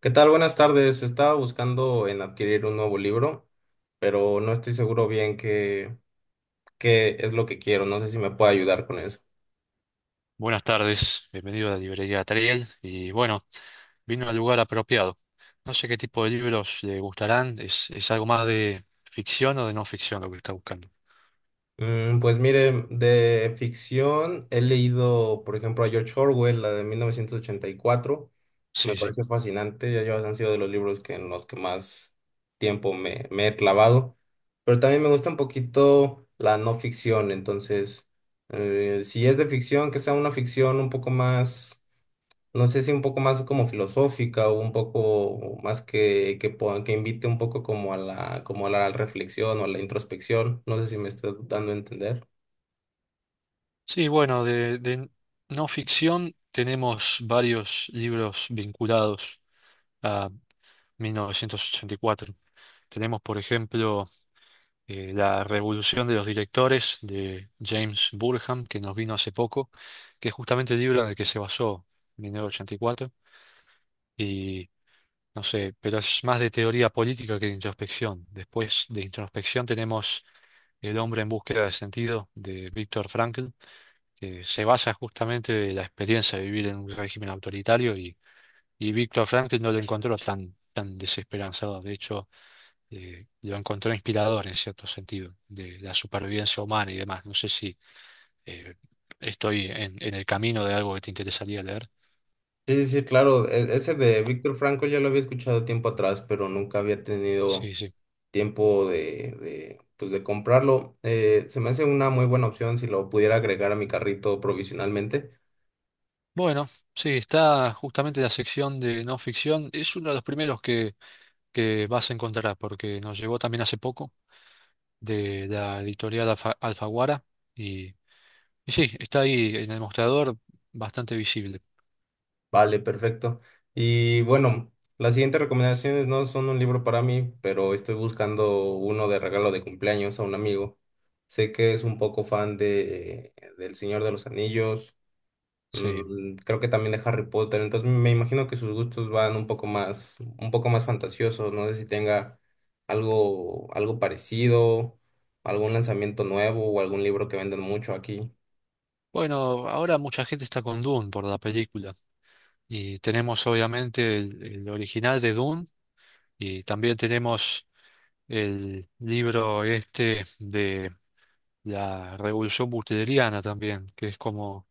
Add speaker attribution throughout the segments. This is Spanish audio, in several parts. Speaker 1: ¿Qué tal? Buenas tardes. Estaba buscando en adquirir un nuevo libro, pero no estoy seguro bien qué es lo que quiero. No sé si me puede ayudar con eso.
Speaker 2: Buenas tardes, bienvenido a la librería Triel y bueno, vino al lugar apropiado. No sé qué tipo de libros le gustarán, es algo más de ficción o de no ficción lo que está buscando.
Speaker 1: Pues mire, de ficción he leído, por ejemplo, a George Orwell, la de 1984. Me
Speaker 2: Sí, sí,
Speaker 1: pareció fascinante. Han sido de los libros que en los que más tiempo me he clavado. Pero también me gusta un poquito la no ficción. Entonces, si es de ficción, que sea una ficción un poco más, no sé, si un poco más como filosófica o un poco más que invite un poco como a como a la reflexión o a la introspección. No sé si me estoy dando a entender.
Speaker 2: sí. Bueno, de no ficción tenemos varios libros vinculados a 1984. Tenemos, por ejemplo, La Revolución de los Directores de James Burham, que nos vino hace poco, que es justamente el libro en el que se basó 1984. Y cuatro. No sé, pero es más de teoría política que de introspección. Después de introspección tenemos El hombre en búsqueda de sentido de Víctor Frankl, que se basa justamente de la experiencia de vivir en un régimen autoritario y Víctor Frankl no lo encontró tan desesperanzado. De hecho, lo encontró inspirador en cierto sentido, de la supervivencia humana y demás. No sé si eh, estoy en el camino de algo que te interesaría leer.
Speaker 1: Sí, sí, sí, claro. Ese de Víctor Franco ya lo había escuchado tiempo atrás, pero nunca había tenido
Speaker 2: Sí, sí.
Speaker 1: tiempo pues de comprarlo. Se me hace una muy buena opción si lo pudiera agregar a mi carrito provisionalmente.
Speaker 2: Bueno, sí, está justamente la sección de no ficción. Es uno de los primeros que vas a encontrar, porque nos llegó también hace poco de la editorial Alfaguara. Y, y sí, está ahí en el mostrador bastante visible.
Speaker 1: Vale, perfecto. Y bueno, las siguientes recomendaciones no son un libro para mí, pero estoy buscando uno de regalo de cumpleaños a un amigo. Sé que es un poco fan de del Señor de los Anillos,
Speaker 2: Sí.
Speaker 1: mm, creo que también de Harry Potter, entonces me imagino que sus gustos van un poco más fantasiosos. No sé si tenga algo, algo parecido, algún lanzamiento nuevo o algún libro que vendan mucho aquí.
Speaker 2: Bueno, ahora mucha gente está con Dune por la película. Y tenemos obviamente el original de Dune y también tenemos el libro este la revolución butleriana también, que es como,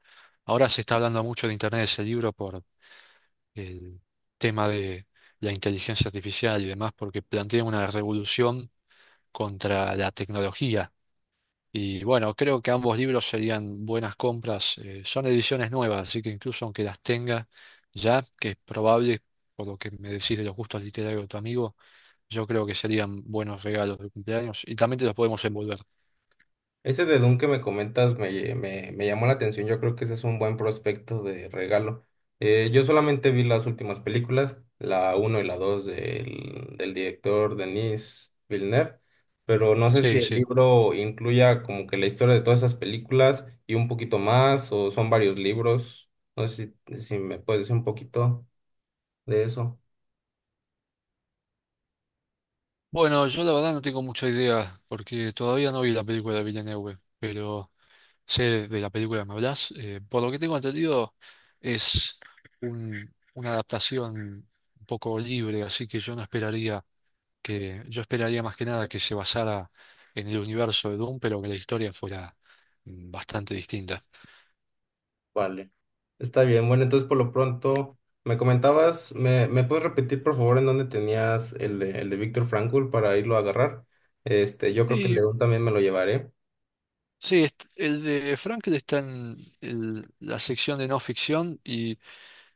Speaker 2: ahora se está hablando mucho de Internet de ese libro por el tema de la inteligencia artificial y demás, porque plantea una revolución contra la tecnología. Y bueno, creo que ambos libros serían buenas compras. Son ediciones nuevas, así que incluso aunque las tenga ya, que es probable, por lo que me decís de los gustos literarios de tu amigo, yo creo que serían buenos regalos de cumpleaños y también te los podemos envolver.
Speaker 1: Ese de Doom que me comentas me llamó la atención. Yo creo que ese es un buen prospecto de regalo. Yo solamente vi las últimas películas, la uno y la 2 del director Denis Villeneuve, pero no sé si
Speaker 2: Sí,
Speaker 1: el
Speaker 2: sí.
Speaker 1: libro incluya como que la historia de todas esas películas y un poquito más, o son varios libros. No sé si me puedes decir un poquito de eso.
Speaker 2: Bueno, yo la verdad no tengo mucha idea, porque todavía no vi la película de Villeneuve, pero sé de la película, que ¿me hablas? Por lo que tengo entendido, es una adaptación un poco libre, así que yo no esperaría que, yo esperaría más que nada que se basara en el universo de Doom, pero que la historia fuera bastante distinta.
Speaker 1: Vale, está bien. Bueno, entonces por lo pronto, me comentabas, me puedes repetir por favor en dónde tenías el el de Víctor Frankl para irlo a agarrar? Este, yo creo que el de
Speaker 2: Y
Speaker 1: Dune también me lo llevaré.
Speaker 2: sí, el de Frankel está en la sección de no ficción y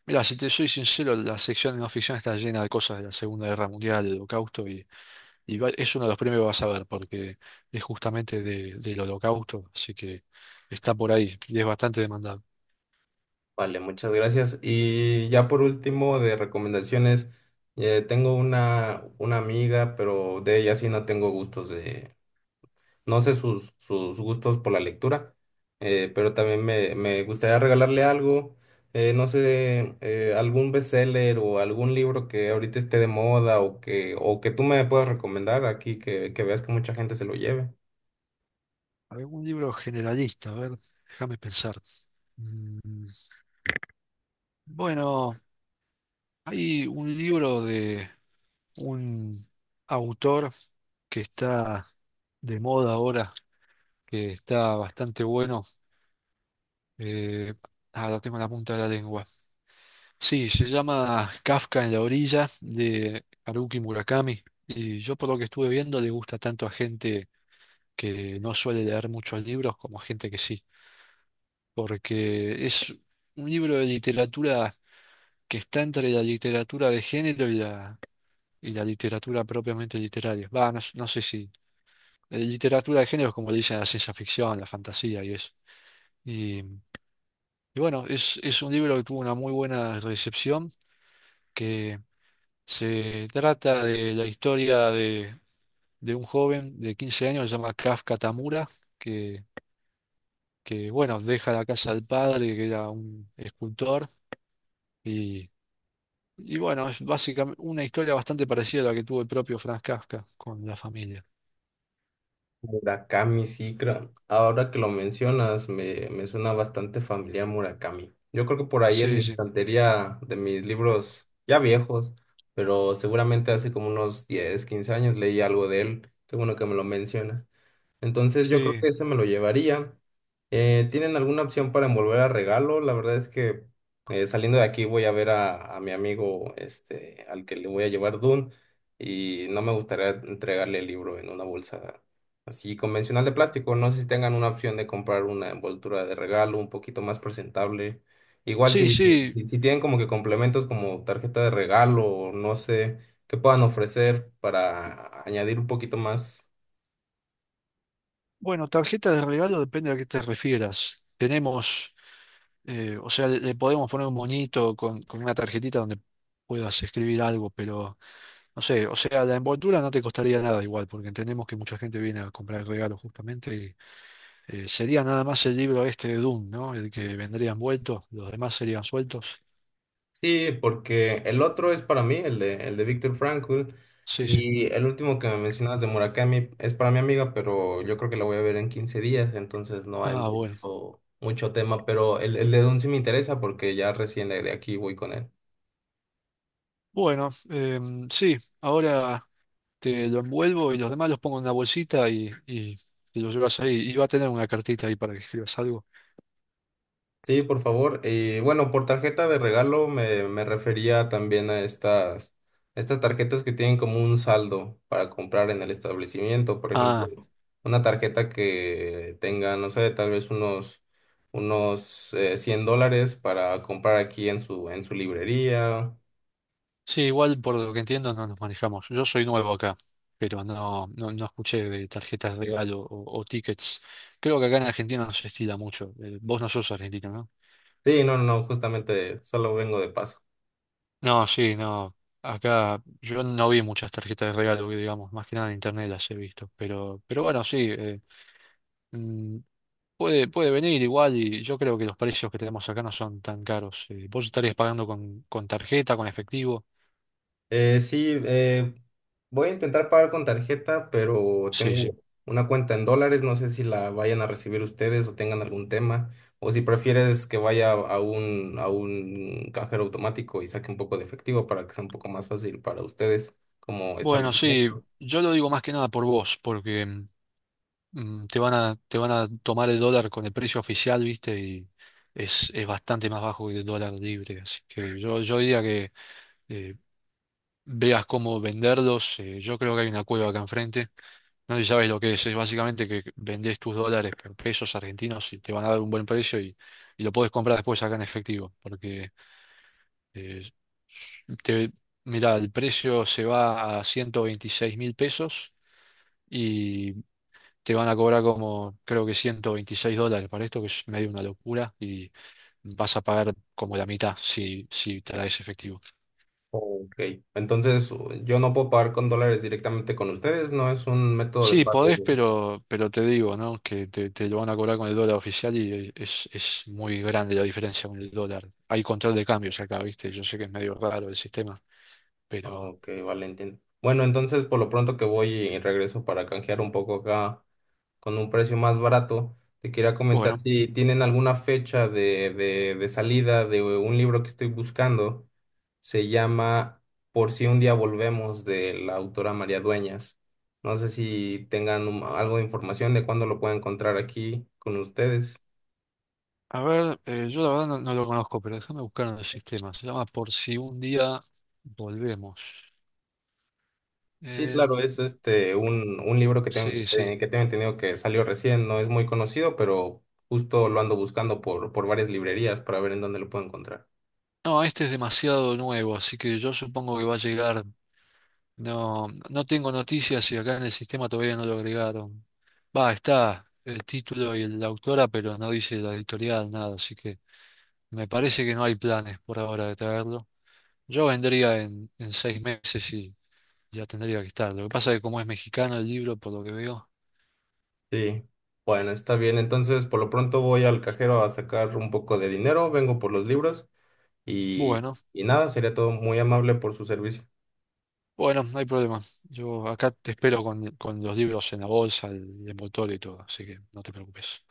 Speaker 2: mira, si te soy sincero, la sección de no ficción está llena de cosas de la Segunda Guerra Mundial, del Holocausto, y, es uno de los premios que vas a ver, porque es justamente del Holocausto, así que está por ahí y es bastante demandado.
Speaker 1: Vale, muchas gracias. Y ya por último, de recomendaciones, tengo una amiga, pero de ella sí no tengo gustos. No sé sus gustos por la lectura, pero también me gustaría regalarle algo, no sé, algún bestseller o algún libro que ahorita esté de moda o que tú me puedas recomendar aquí, que veas que mucha gente se lo lleve.
Speaker 2: ¿Algún libro generalista? A ver, déjame pensar. Mm, Bueno, hay un libro de un autor que está de moda ahora, que está bastante bueno. Eh, ah, lo tengo en la punta de la lengua. Sí, se llama Kafka en la orilla de Haruki Murakami. Y yo por lo que estuve viendo le gusta tanto a gente que no suele leer muchos libros como a gente que sí, porque es un libro de literatura que está entre la literatura de género y y la literatura propiamente literaria. Va, no, no sé si literatura de género es como le dicen a la ciencia ficción, la fantasía y eso. Y, y bueno, es un libro que tuvo una muy buena recepción, que se trata de la historia de un joven de 15 años, se llama Kafka Tamura, que, que, bueno, deja la casa del padre, que era un escultor, y, y bueno, es básicamente una historia bastante parecida a la que tuvo el propio Franz Kafka con la familia.
Speaker 1: Murakami, sí, creo. Ahora que lo mencionas, me suena bastante familiar Murakami. Yo creo que por ahí en
Speaker 2: Sí,
Speaker 1: mi
Speaker 2: sí,
Speaker 1: estantería de mis libros ya viejos, pero seguramente hace como unos 10 o 15 años leí algo de él. Qué bueno que me lo mencionas. Entonces yo creo
Speaker 2: sí,
Speaker 1: que ese me lo llevaría. ¿Tienen alguna opción para envolver a regalo? La verdad es que, saliendo de aquí voy a ver a mi amigo este, al que le voy a llevar Dune, y no me gustaría entregarle el libro en una bolsa así convencional de plástico. No sé si tengan una opción de comprar una envoltura de regalo un poquito más presentable. Igual
Speaker 2: sí,
Speaker 1: si,
Speaker 2: sí.
Speaker 1: si si tienen como que complementos como tarjeta de regalo o no sé, qué puedan ofrecer para añadir un poquito más.
Speaker 2: Bueno, tarjeta de regalo depende a qué te refieras. Tenemos, o sea, le podemos poner un moñito con una tarjetita donde puedas escribir algo, pero... No sé, o sea, la envoltura no te costaría nada igual, porque entendemos que mucha gente viene a comprar regalos justamente y sería nada más el libro este de Doom, ¿no? El que vendría envuelto, los demás serían sueltos.
Speaker 1: Sí, porque el otro es para mí, el el de Viktor Frankl,
Speaker 2: Sí, sí.
Speaker 1: y el último que me mencionabas de Murakami es para mi amiga, pero yo creo que la voy a ver en 15 días, entonces no hay
Speaker 2: Ah, bueno.
Speaker 1: mucho, mucho tema, pero el de Dune sí me interesa porque ya recién de aquí voy con él.
Speaker 2: Bueno, sí, ahora te lo envuelvo y los demás los pongo en una bolsita y te lo llevas ahí. Y va a tener una cartita ahí para que escribas algo.
Speaker 1: Sí, por favor. Y bueno, por tarjeta de regalo me refería también a estas, estas tarjetas que tienen como un saldo para comprar en el establecimiento. Por ejemplo,
Speaker 2: Ah,
Speaker 1: una tarjeta que tenga, no sé, tal vez unos, unos $100 para comprar aquí en su librería.
Speaker 2: sí, igual por lo que entiendo no nos manejamos. Yo soy nuevo acá, pero no, no escuché de tarjetas de regalo o tickets. Creo que acá en Argentina no se estila mucho. Vos no sos argentino, ¿no?
Speaker 1: Sí, no, no, no, justamente solo vengo de paso.
Speaker 2: No, sí, no. Acá yo no vi muchas tarjetas de regalo, que digamos, más que nada en internet las he visto. Pero bueno, sí, mm, puede, puede venir igual y yo creo que los precios que tenemos acá no son tan caros. Vos estarías pagando con tarjeta, con efectivo.
Speaker 1: Sí, voy a intentar pagar con tarjeta, pero
Speaker 2: Sí,
Speaker 1: tengo
Speaker 2: sí.
Speaker 1: una cuenta en dólares. No sé si la vayan a recibir ustedes o tengan algún tema, o si prefieres que vaya a un cajero automático y saque un poco de efectivo para que sea un poco más fácil para ustedes como
Speaker 2: Bueno, sí,
Speaker 1: establecimiento.
Speaker 2: yo lo digo más que nada por vos, porque te van a, te van a tomar el dólar con el precio oficial, ¿viste? Y es bastante más bajo que el dólar libre. Así que yo diría que eh, veas cómo venderlos. Yo creo que hay una cueva acá enfrente. No sé si sabes lo que es. Es básicamente que vendés tus dólares por pesos argentinos y te van a dar un buen precio y lo podés comprar después acá en efectivo. Porque eh, te, mira, el precio se va a 126 mil pesos. Te van a cobrar como, creo que 126 dólares para esto, que es medio una locura, y vas a pagar como la mitad si, si traes efectivo.
Speaker 1: Ok, entonces yo no puedo pagar con dólares directamente con ustedes, no es un método de
Speaker 2: Sí,
Speaker 1: pago.
Speaker 2: podés, pero te digo, ¿no? Que te lo van a cobrar con el dólar oficial y es muy grande la diferencia con el dólar. Hay control de cambios acá, ¿viste? Yo sé que es medio raro el sistema, pero
Speaker 1: Ok, vale, entiendo. Bueno, entonces por lo pronto que voy y regreso para canjear un poco acá con un precio más barato, te quería comentar
Speaker 2: bueno.
Speaker 1: si tienen alguna fecha de salida de un libro que estoy buscando. Se llama Por si un día volvemos de la autora María Dueñas. No sé si tengan algo de información de cuándo lo puedo encontrar aquí con ustedes.
Speaker 2: A ver, yo la verdad no, no lo conozco, pero déjame buscar en el sistema. Se llama Por si un día volvemos.
Speaker 1: Sí, claro, es
Speaker 2: Em,
Speaker 1: este un libro
Speaker 2: sí, sí.
Speaker 1: que tengo entendido que salió recién, no es muy conocido, pero justo lo ando buscando por varias librerías para ver en dónde lo puedo encontrar.
Speaker 2: No, este es demasiado nuevo, así que yo supongo que va a llegar. No, no tengo noticias y acá en el sistema todavía no lo agregaron. Va, está el título y la autora, pero no dice la editorial, nada, así que me parece que no hay planes por ahora de traerlo. Yo vendría en 6 meses y ya tendría que estar. Lo que pasa es que como es mexicano el libro, por lo que veo.
Speaker 1: Sí. Bueno, está bien. Entonces, por lo pronto voy al cajero a sacar un poco de dinero, vengo por los libros y,
Speaker 2: Bueno,
Speaker 1: y nada, sería todo muy amable por su servicio.
Speaker 2: bueno, no hay problema. Yo acá te espero con los libros en la bolsa, el envoltorio y todo, así que no te preocupes.